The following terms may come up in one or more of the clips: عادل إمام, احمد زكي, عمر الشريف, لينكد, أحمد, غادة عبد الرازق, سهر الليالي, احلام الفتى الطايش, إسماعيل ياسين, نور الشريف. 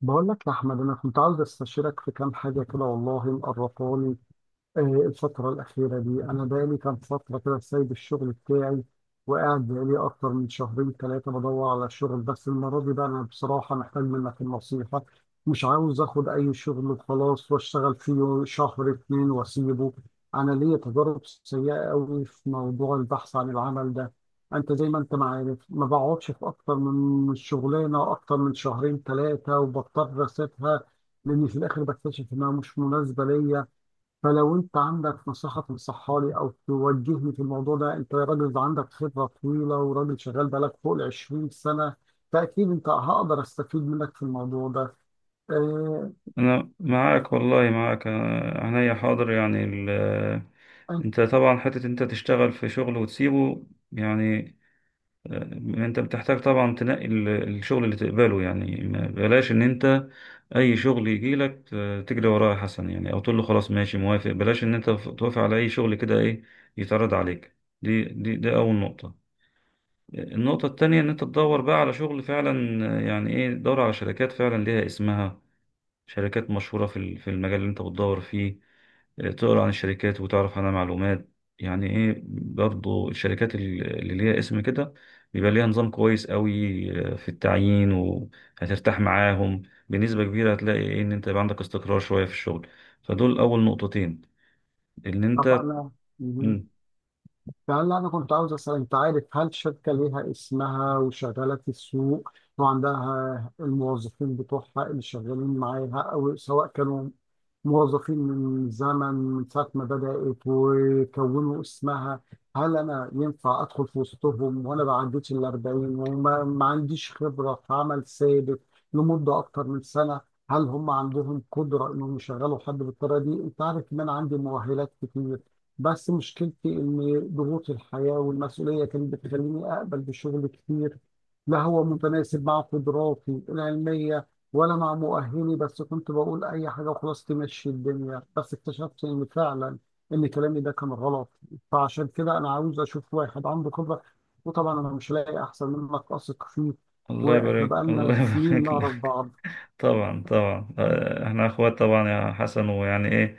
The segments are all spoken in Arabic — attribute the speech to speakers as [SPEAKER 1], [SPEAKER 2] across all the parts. [SPEAKER 1] بقول لك يا أحمد، أنا كنت عاوز أستشيرك في كام حاجة كده والله مقرفاني. الفترة الأخيرة دي أنا بقالي كام فترة كده سايب الشغل بتاعي، وقاعد بقالي أكتر من شهرين ثلاثة بدور على شغل. بس المرة دي بقى أنا بصراحة محتاج منك النصيحة. مش عاوز آخد أي شغل وخلاص وأشتغل فيه شهر اتنين وأسيبه. أنا ليا تجارب سيئة أوي في موضوع البحث عن العمل ده. أنت زي ما أنت ما عارف، ما بقعدش في أكتر من شغلانة أكتر من شهرين ثلاثة وبضطر أسيبها، لأني في الآخر بكتشف إنها مش مناسبة ليا. فلو انت عندك نصيحة تنصحها لي او توجهني في الموضوع ده، انت راجل ده عندك خبرة طويلة وراجل شغال بقالك فوق ال 20 سنة، فاكيد انت هقدر استفيد منك في الموضوع ده. اه.
[SPEAKER 2] أنا معاك والله معاك عينيا حاضر يعني ال... آه،
[SPEAKER 1] انت.
[SPEAKER 2] أنت طبعا حتة أنت تشتغل في شغل وتسيبه. يعني أنت بتحتاج طبعا تنقي الشغل اللي تقبله، يعني بلاش إن أنت أي شغل يجيلك تجري وراه يا حسن، يعني أو تقول له خلاص ماشي موافق. بلاش إن أنت توافق على أي شغل كده إيه يتعرض عليك. دي أول نقطة. النقطة التانية إن أنت تدور بقى على شغل فعلا، يعني إيه، تدور على شركات فعلا ليها اسمها، شركات مشهورة في في المجال اللي انت بتدور فيه. تقرا عن الشركات وتعرف عنها معلومات. يعني ايه برضو الشركات اللي ليها اسم كده بيبقى ليها نظام كويس قوي في التعيين، وهترتاح معاهم بنسبة كبيرة. هتلاقي ايه، ان انت يبقى عندك استقرار شوية في الشغل. فدول اول نقطتين ان
[SPEAKER 1] طب
[SPEAKER 2] انت.
[SPEAKER 1] انا. مهم.
[SPEAKER 2] مم.
[SPEAKER 1] فهلا انا كنت عاوز اسال، انت عارف هل شركة ليها اسمها وشغالة في السوق وعندها الموظفين بتوعها اللي شغالين معاها، او سواء كانوا موظفين من زمن من ساعة ما بدأت وكونوا اسمها، هل أنا ينفع أدخل في وسطهم وأنا ما عديتش ال 40 وما ما عنديش خبرة في عمل ثابت لمدة أكتر من سنة؟ هل هم عندهم قدرة إنهم يشغلوا حد بالطريقة دي؟ أنت عارف إن أنا عندي مؤهلات كتير، بس مشكلتي إن ضغوط الحياة والمسؤولية كانت بتخليني أقبل بشغل كتير لا هو متناسب مع قدراتي العلمية ولا مع مؤهلي. بس كنت بقول اي حاجه وخلاص تمشي الدنيا، بس اكتشفت ان فعلا ان كلامي ده كان غلط. فعشان كده انا عاوز اشوف واحد عنده خبره، وطبعا انا مش لاقي احسن منك اثق فيه،
[SPEAKER 2] الله
[SPEAKER 1] واحنا
[SPEAKER 2] يبارك،
[SPEAKER 1] بقالنا
[SPEAKER 2] الله
[SPEAKER 1] سنين نعرف
[SPEAKER 2] يبارك.
[SPEAKER 1] بعض.
[SPEAKER 2] طبعا طبعا، احنا اخوات طبعا يا حسن، ويعني ايه،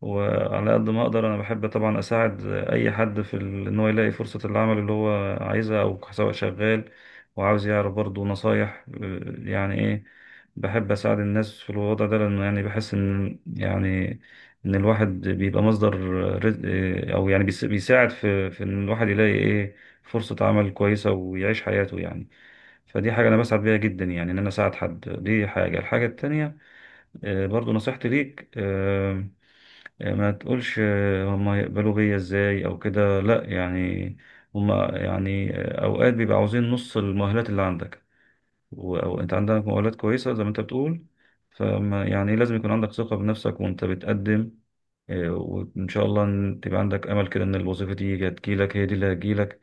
[SPEAKER 2] وعلى قد ما اقدر انا بحب طبعا اساعد اي حد في ان هو يلاقي فرصة العمل اللي هو عايزها، او سواء شغال وعاوز يعرف برضه نصايح. يعني ايه، بحب اساعد الناس في الوضع ده، لانه يعني بحس ان يعني ان الواحد بيبقى مصدر رزق، او يعني بيساعد في ان الواحد يلاقي ايه فرصة عمل كويسة ويعيش حياته يعني. فدي حاجة أنا بسعد بيها جدا، يعني إن أنا أساعد حد. دي حاجة. الحاجة التانية برضو نصيحتي ليك، ما تقولش هما يقبلوا بيا إزاي أو كده، لأ، يعني هما يعني أوقات بيبقى عاوزين نص المؤهلات اللي عندك، أو أنت عندك مؤهلات كويسة زي ما أنت بتقول. فما يعني لازم يكون عندك ثقة بنفسك وأنت بتقدم، وإن شاء الله إن تبقى عندك أمل كده إن الوظيفة دي هتجيلك، هي دي اللي هتجيلك.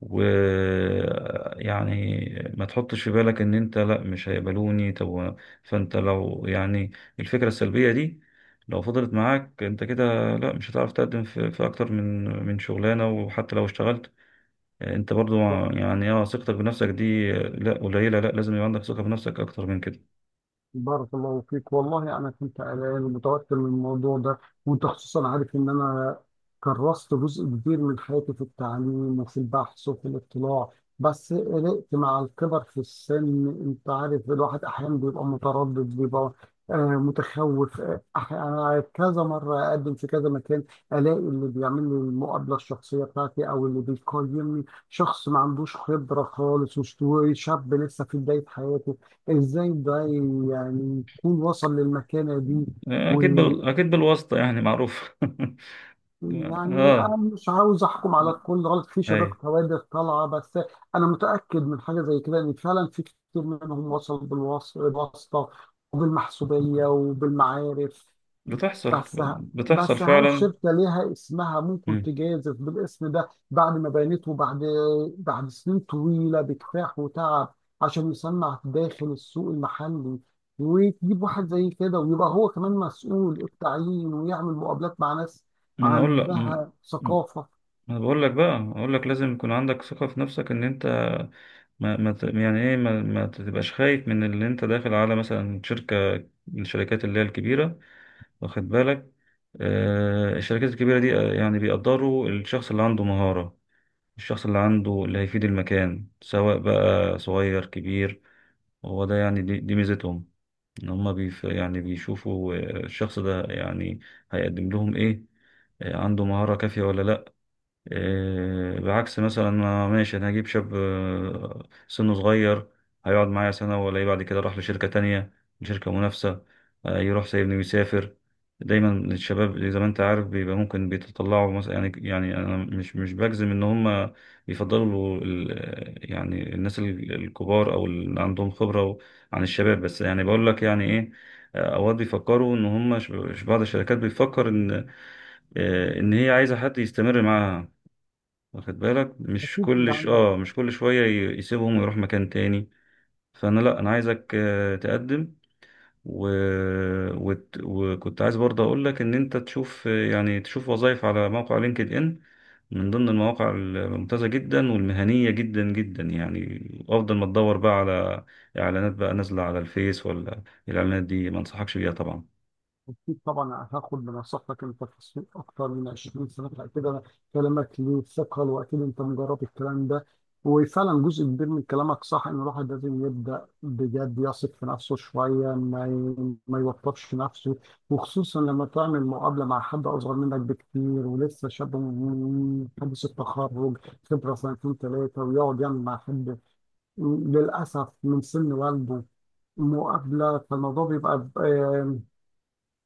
[SPEAKER 2] ويعني ما تحطش في بالك ان انت لا مش هيقبلوني. طب فانت لو يعني الفكرة السلبية دي لو فضلت معاك انت كده، لا مش هتعرف تقدم في اكتر من شغلانة، وحتى لو اشتغلت انت برضو يعني، اه، ثقتك بنفسك دي لا قليلة، لا لازم يبقى عندك ثقة بنفسك اكتر من كده.
[SPEAKER 1] بارك الله فيك، والله انا كنت قلقان ومتوتر من الموضوع ده. وانت خصوصا عارف ان انا كرست جزء كبير من حياتي في التعليم وفي البحث وفي الاطلاع. بس قلقت مع الكبر في السن، انت عارف الواحد احيانا بيبقى متردد، بيبقى متخوف. انا كذا مره اقدم في كذا مكان، الاقي اللي بيعمل لي المقابله الشخصيه بتاعتي او اللي بيقيمني شخص ما عندوش خبره خالص وشاب لسه في بدايه حياته. ازاي ده يعني يكون وصل للمكانة دي؟ ويعني
[SPEAKER 2] اكيد بالواسطة، يعني معروف. اه،
[SPEAKER 1] انا مش عاوز احكم على الكل غلط، في شباب
[SPEAKER 2] هي
[SPEAKER 1] كوادر طالعة، بس انا متأكد من حاجة زي كده ان فعلا في كتير منهم وصل بالواسطة وبالمحسوبية وبالمعارف.
[SPEAKER 2] بتحصل،
[SPEAKER 1] بس
[SPEAKER 2] بتحصل
[SPEAKER 1] بس هل
[SPEAKER 2] فعلا.
[SPEAKER 1] شركة ليها اسمها ممكن
[SPEAKER 2] مم.
[SPEAKER 1] تجازف بالاسم ده بعد ما بنته، بعد سنين طويلة بكفاح وتعب عشان يصنع داخل السوق المحلي، وتجيب واحد زي كده ويبقى هو كمان مسؤول التعيين ويعمل مقابلات مع ناس
[SPEAKER 2] ما انا اقول لك
[SPEAKER 1] عندها ثقافة؟
[SPEAKER 2] انا بقول لك، بقى اقول لك لازم يكون عندك ثقة في نفسك ان انت ما, ما ت- يعني ايه ما, ما تبقاش خايف من اللي انت داخل على مثلا شركة من الشركات اللي هي الكبيرة، واخد بالك. آه الشركات الكبيرة دي يعني بيقدروا الشخص اللي عنده مهارة، الشخص اللي عنده اللي هيفيد المكان سواء بقى صغير كبير. هو ده يعني دي ميزتهم، ان هم يعني بيشوفوا الشخص ده يعني هيقدم لهم ايه، عنده مهارة كافية ولا لا. إيه، بعكس مثلا ماشي انا هجيب شاب سنه صغير هيقعد معايا سنة ولا إيه، بعد كده راح لشركة تانية، لشركة منافسة، يروح سايبني ويسافر. دايما الشباب زي ما انت عارف بيبقى ممكن بيتطلعوا مثلا يعني، يعني انا مش بجزم ان هم بيفضلوا يعني الناس الكبار او اللي عندهم خبرة عن الشباب، بس يعني بقول لك يعني ايه، اوقات بيفكروا ان هم بعض الشركات بيفكر ان ان هي عايزة حد يستمر معاها، واخد بالك، مش
[SPEAKER 1] أكيد أنت
[SPEAKER 2] كل ش...
[SPEAKER 1] عندك.
[SPEAKER 2] اه مش كل شوية يسيبهم ويروح مكان تاني. فانا لا، انا عايزك تقدم و... وكنت عايز برضه اقول لك ان انت تشوف يعني تشوف وظائف على موقع لينكد ان، من ضمن المواقع الممتازة جدا والمهنية جدا جدا يعني. افضل ما تدور بقى على اعلانات بقى نازلة على الفيس ولا. الاعلانات دي ما انصحكش بيها طبعا.
[SPEAKER 1] أكيد طبعا هاخد بنصيحتك، أنت في السوق أكتر من 20 سنة، فأكيد كلامك له ثقة وأكيد أنت مجرب الكلام ده. وفعلا جزء كبير من كلامك صح، إن الواحد لازم يبدأ بجد يثق في نفسه شوية، ما يوترش نفسه، وخصوصا لما تعمل مقابلة مع حد أصغر منك بكتير ولسه شاب من حديث التخرج، خبرة سنتين ثلاثة، ويقعد يعمل مع حد للأسف من سن والده مقابلة. فالموضوع بيبقى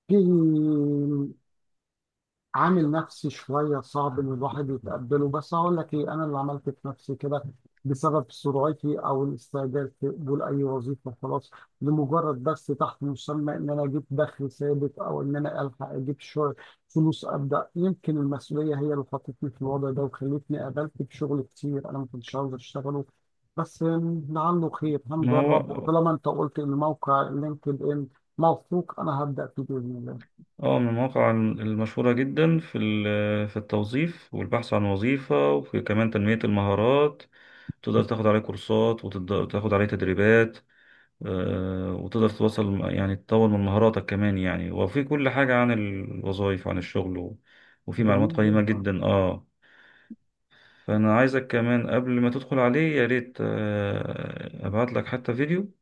[SPEAKER 1] في عامل نفسي شوية صعب إن الواحد يتقبله. بس هقول لك إيه، أنا اللي عملت في نفسي كده بسبب سرعتي أو الاستعجال في قبول أي وظيفة خلاص لمجرد بس تحت مسمى إن أنا أجيب دخل ثابت أو إن أنا ألحق أجيب شغل فلوس أبدأ. يمكن المسؤولية هي اللي حطتني في الوضع ده وخلتني قابلت بشغل كتير أنا ما كنتش عاوز أشتغله. بس لعله خير،
[SPEAKER 2] ما
[SPEAKER 1] هنجرب،
[SPEAKER 2] هو
[SPEAKER 1] وطالما أنت قلت إن موقع لينكد إن موثوق، أنا هبدأ فيه بإذن الله.
[SPEAKER 2] اه من المواقع المشهورة جدا في في التوظيف والبحث عن وظيفة، وفي كمان تنمية المهارات. تقدر تاخد عليه كورسات وتاخد عليه تدريبات، وتقدر توصل يعني تطور من مهاراتك كمان يعني، وفي كل حاجة عن الوظائف وعن الشغل وفي معلومات
[SPEAKER 1] جميل
[SPEAKER 2] قيمة
[SPEAKER 1] جدا.
[SPEAKER 2] جدا، اه. فأنا عايزك كمان قبل ما تدخل عليه يا ريت، أبعت لك حتى فيديو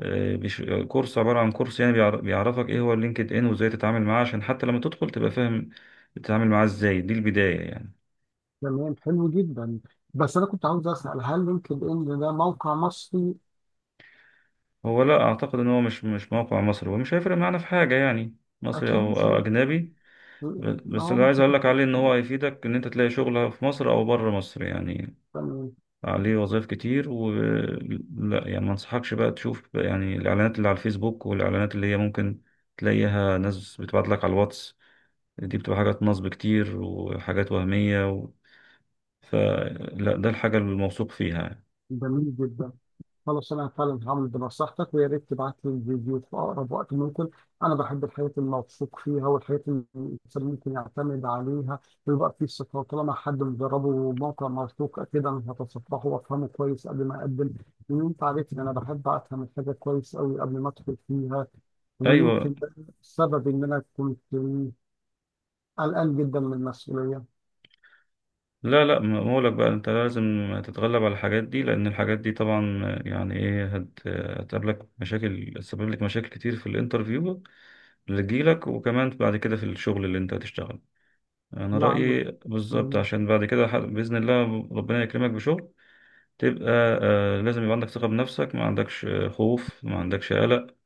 [SPEAKER 2] آه، بيش- كورس، عبارة عن كورس يعني بيعرفك ايه هو اللينكد ان وازاي تتعامل معاه، عشان حتى لما تدخل تبقى فاهم تتعامل معاه ازاي. دي البداية يعني.
[SPEAKER 1] تمام. حلو جدا. بس انا كنت عاوز اسال، هل لينكد ان ده موقع مصري؟
[SPEAKER 2] هو لا اعتقد ان هو مش موقع مصري، ومش هيفرق معانا في حاجة يعني، مصري
[SPEAKER 1] اكيد
[SPEAKER 2] او
[SPEAKER 1] مش
[SPEAKER 2] أو
[SPEAKER 1] هيفرق كتير.
[SPEAKER 2] اجنبي.
[SPEAKER 1] ما
[SPEAKER 2] بس
[SPEAKER 1] هو
[SPEAKER 2] اللي عايز
[SPEAKER 1] مش
[SPEAKER 2] اقول لك
[SPEAKER 1] هتفرق
[SPEAKER 2] عليه ان
[SPEAKER 1] كتير.
[SPEAKER 2] هو هيفيدك ان انت تلاقي شغل في مصر او بره مصر يعني.
[SPEAKER 1] تمام.
[SPEAKER 2] عليه وظائف كتير، و لا يعني ما انصحكش بقى تشوف يعني الاعلانات اللي على الفيسبوك، والاعلانات اللي هي ممكن تلاقيها ناس بتبعت لك على الواتس، دي بتبقى حاجات نصب كتير وحاجات وهمية فلا ده الحاجة الموثوق فيها يعني.
[SPEAKER 1] جميل جدا. خلاص انا فعلا هعمل بنصيحتك، ويا ريت تبعت لي الفيديو في اقرب وقت ممكن. انا بحب الحياه الموثوق فيها والحياه اللي الانسان ممكن يعتمد عليها ويبقى فيه ثقه. طالما حد مجربه موقع موثوق، اكيد انا هتصفحه وافهمه كويس قبل ما اقدم، لان انت عارف ان انا بحب افهم الحاجه كويس قوي قبل ما ادخل فيها.
[SPEAKER 2] أيوة.
[SPEAKER 1] ويمكن ده السبب إن أنا كنت قلقان جدا من المسؤولية.
[SPEAKER 2] لا لا، ما بقولك بقى أنت لازم تتغلب على الحاجات دي، لأن الحاجات دي طبعا يعني إيه هتقابلك مشاكل، تسبب لك مشاكل كتير في الانترفيو اللي تجيلك، وكمان بعد كده في الشغل اللي أنت هتشتغله. أنا
[SPEAKER 1] لا. عندي.
[SPEAKER 2] رأيي بالظبط، عشان بعد كده بإذن الله ربنا يكرمك بشغل تبقى آه، لازم يبقى عندك ثقة بنفسك، ما عندكش خوف، ما عندكش قلق،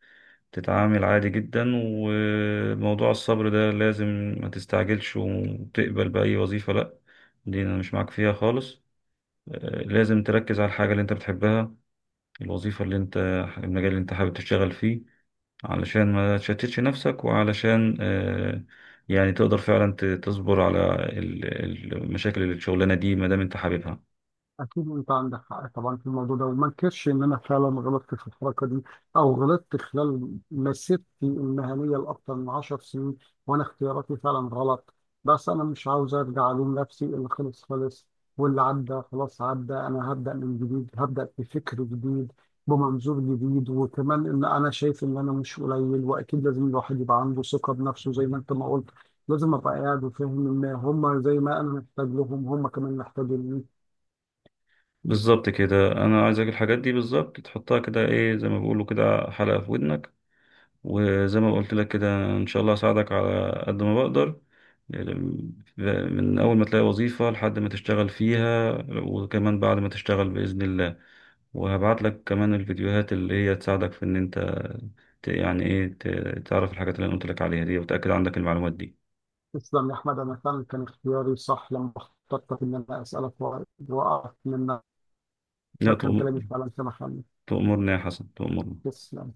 [SPEAKER 2] تتعامل عادي جدا. وموضوع الصبر ده لازم، ما تستعجلش وتقبل بأي وظيفة، لأ، دي أنا مش معاك فيها خالص. لازم تركز على الحاجة اللي أنت بتحبها، الوظيفة اللي أنت، المجال اللي أنت حابب تشتغل فيه، علشان ما تشتتش نفسك، وعلشان يعني تقدر فعلا تصبر على المشاكل اللي الشغلانة دي ما دام أنت حاببها.
[SPEAKER 1] أكيد أنت عندك حق طبعا في الموضوع ده، وما انكرش إن أنا فعلا غلطت في الحركة دي أو غلطت خلال مسيرتي المهنية لأكثر من 10 سنين وأنا اختياراتي فعلا غلط. بس أنا مش عاوز أرجع ألوم نفسي، اللي خلص خلص واللي عدى خلاص عدى. أنا هبدأ من جديد، هبدأ بفكر جديد بمنظور جديد، وكمان إن أنا شايف إن أنا مش قليل، وأكيد لازم الواحد يبقى عنده ثقة بنفسه زي ما أنت ما قلت. لازم أبقى قاعد وفاهم إن هم زي ما أنا محتاج لهم هم كمان محتاجين لي.
[SPEAKER 2] بالظبط كده، أنا عايزك الحاجات دي بالظبط تحطها كده إيه زي ما بيقولوا كده، حلقة في ودنك. وزي ما قلت لك كده ان شاء الله اساعدك على قد ما بقدر، من اول ما تلاقي وظيفة لحد ما تشتغل فيها، وكمان بعد ما تشتغل بإذن الله. وهبعت لك كمان الفيديوهات اللي هي تساعدك في ان انت يعني ايه تعرف الحاجات اللي انا قلت لك عليها دي، وتأكد عندك المعلومات دي.
[SPEAKER 1] تسلم يا أحمد، أنا كان اختياري صح لما اخترتك إن أنا أسألك وأقف منك،
[SPEAKER 2] لا
[SPEAKER 1] فكان كلامي
[SPEAKER 2] تؤم-
[SPEAKER 1] فعلا سمح لي.
[SPEAKER 2] تؤمرني يا حسن، تؤمرني.
[SPEAKER 1] تسلم.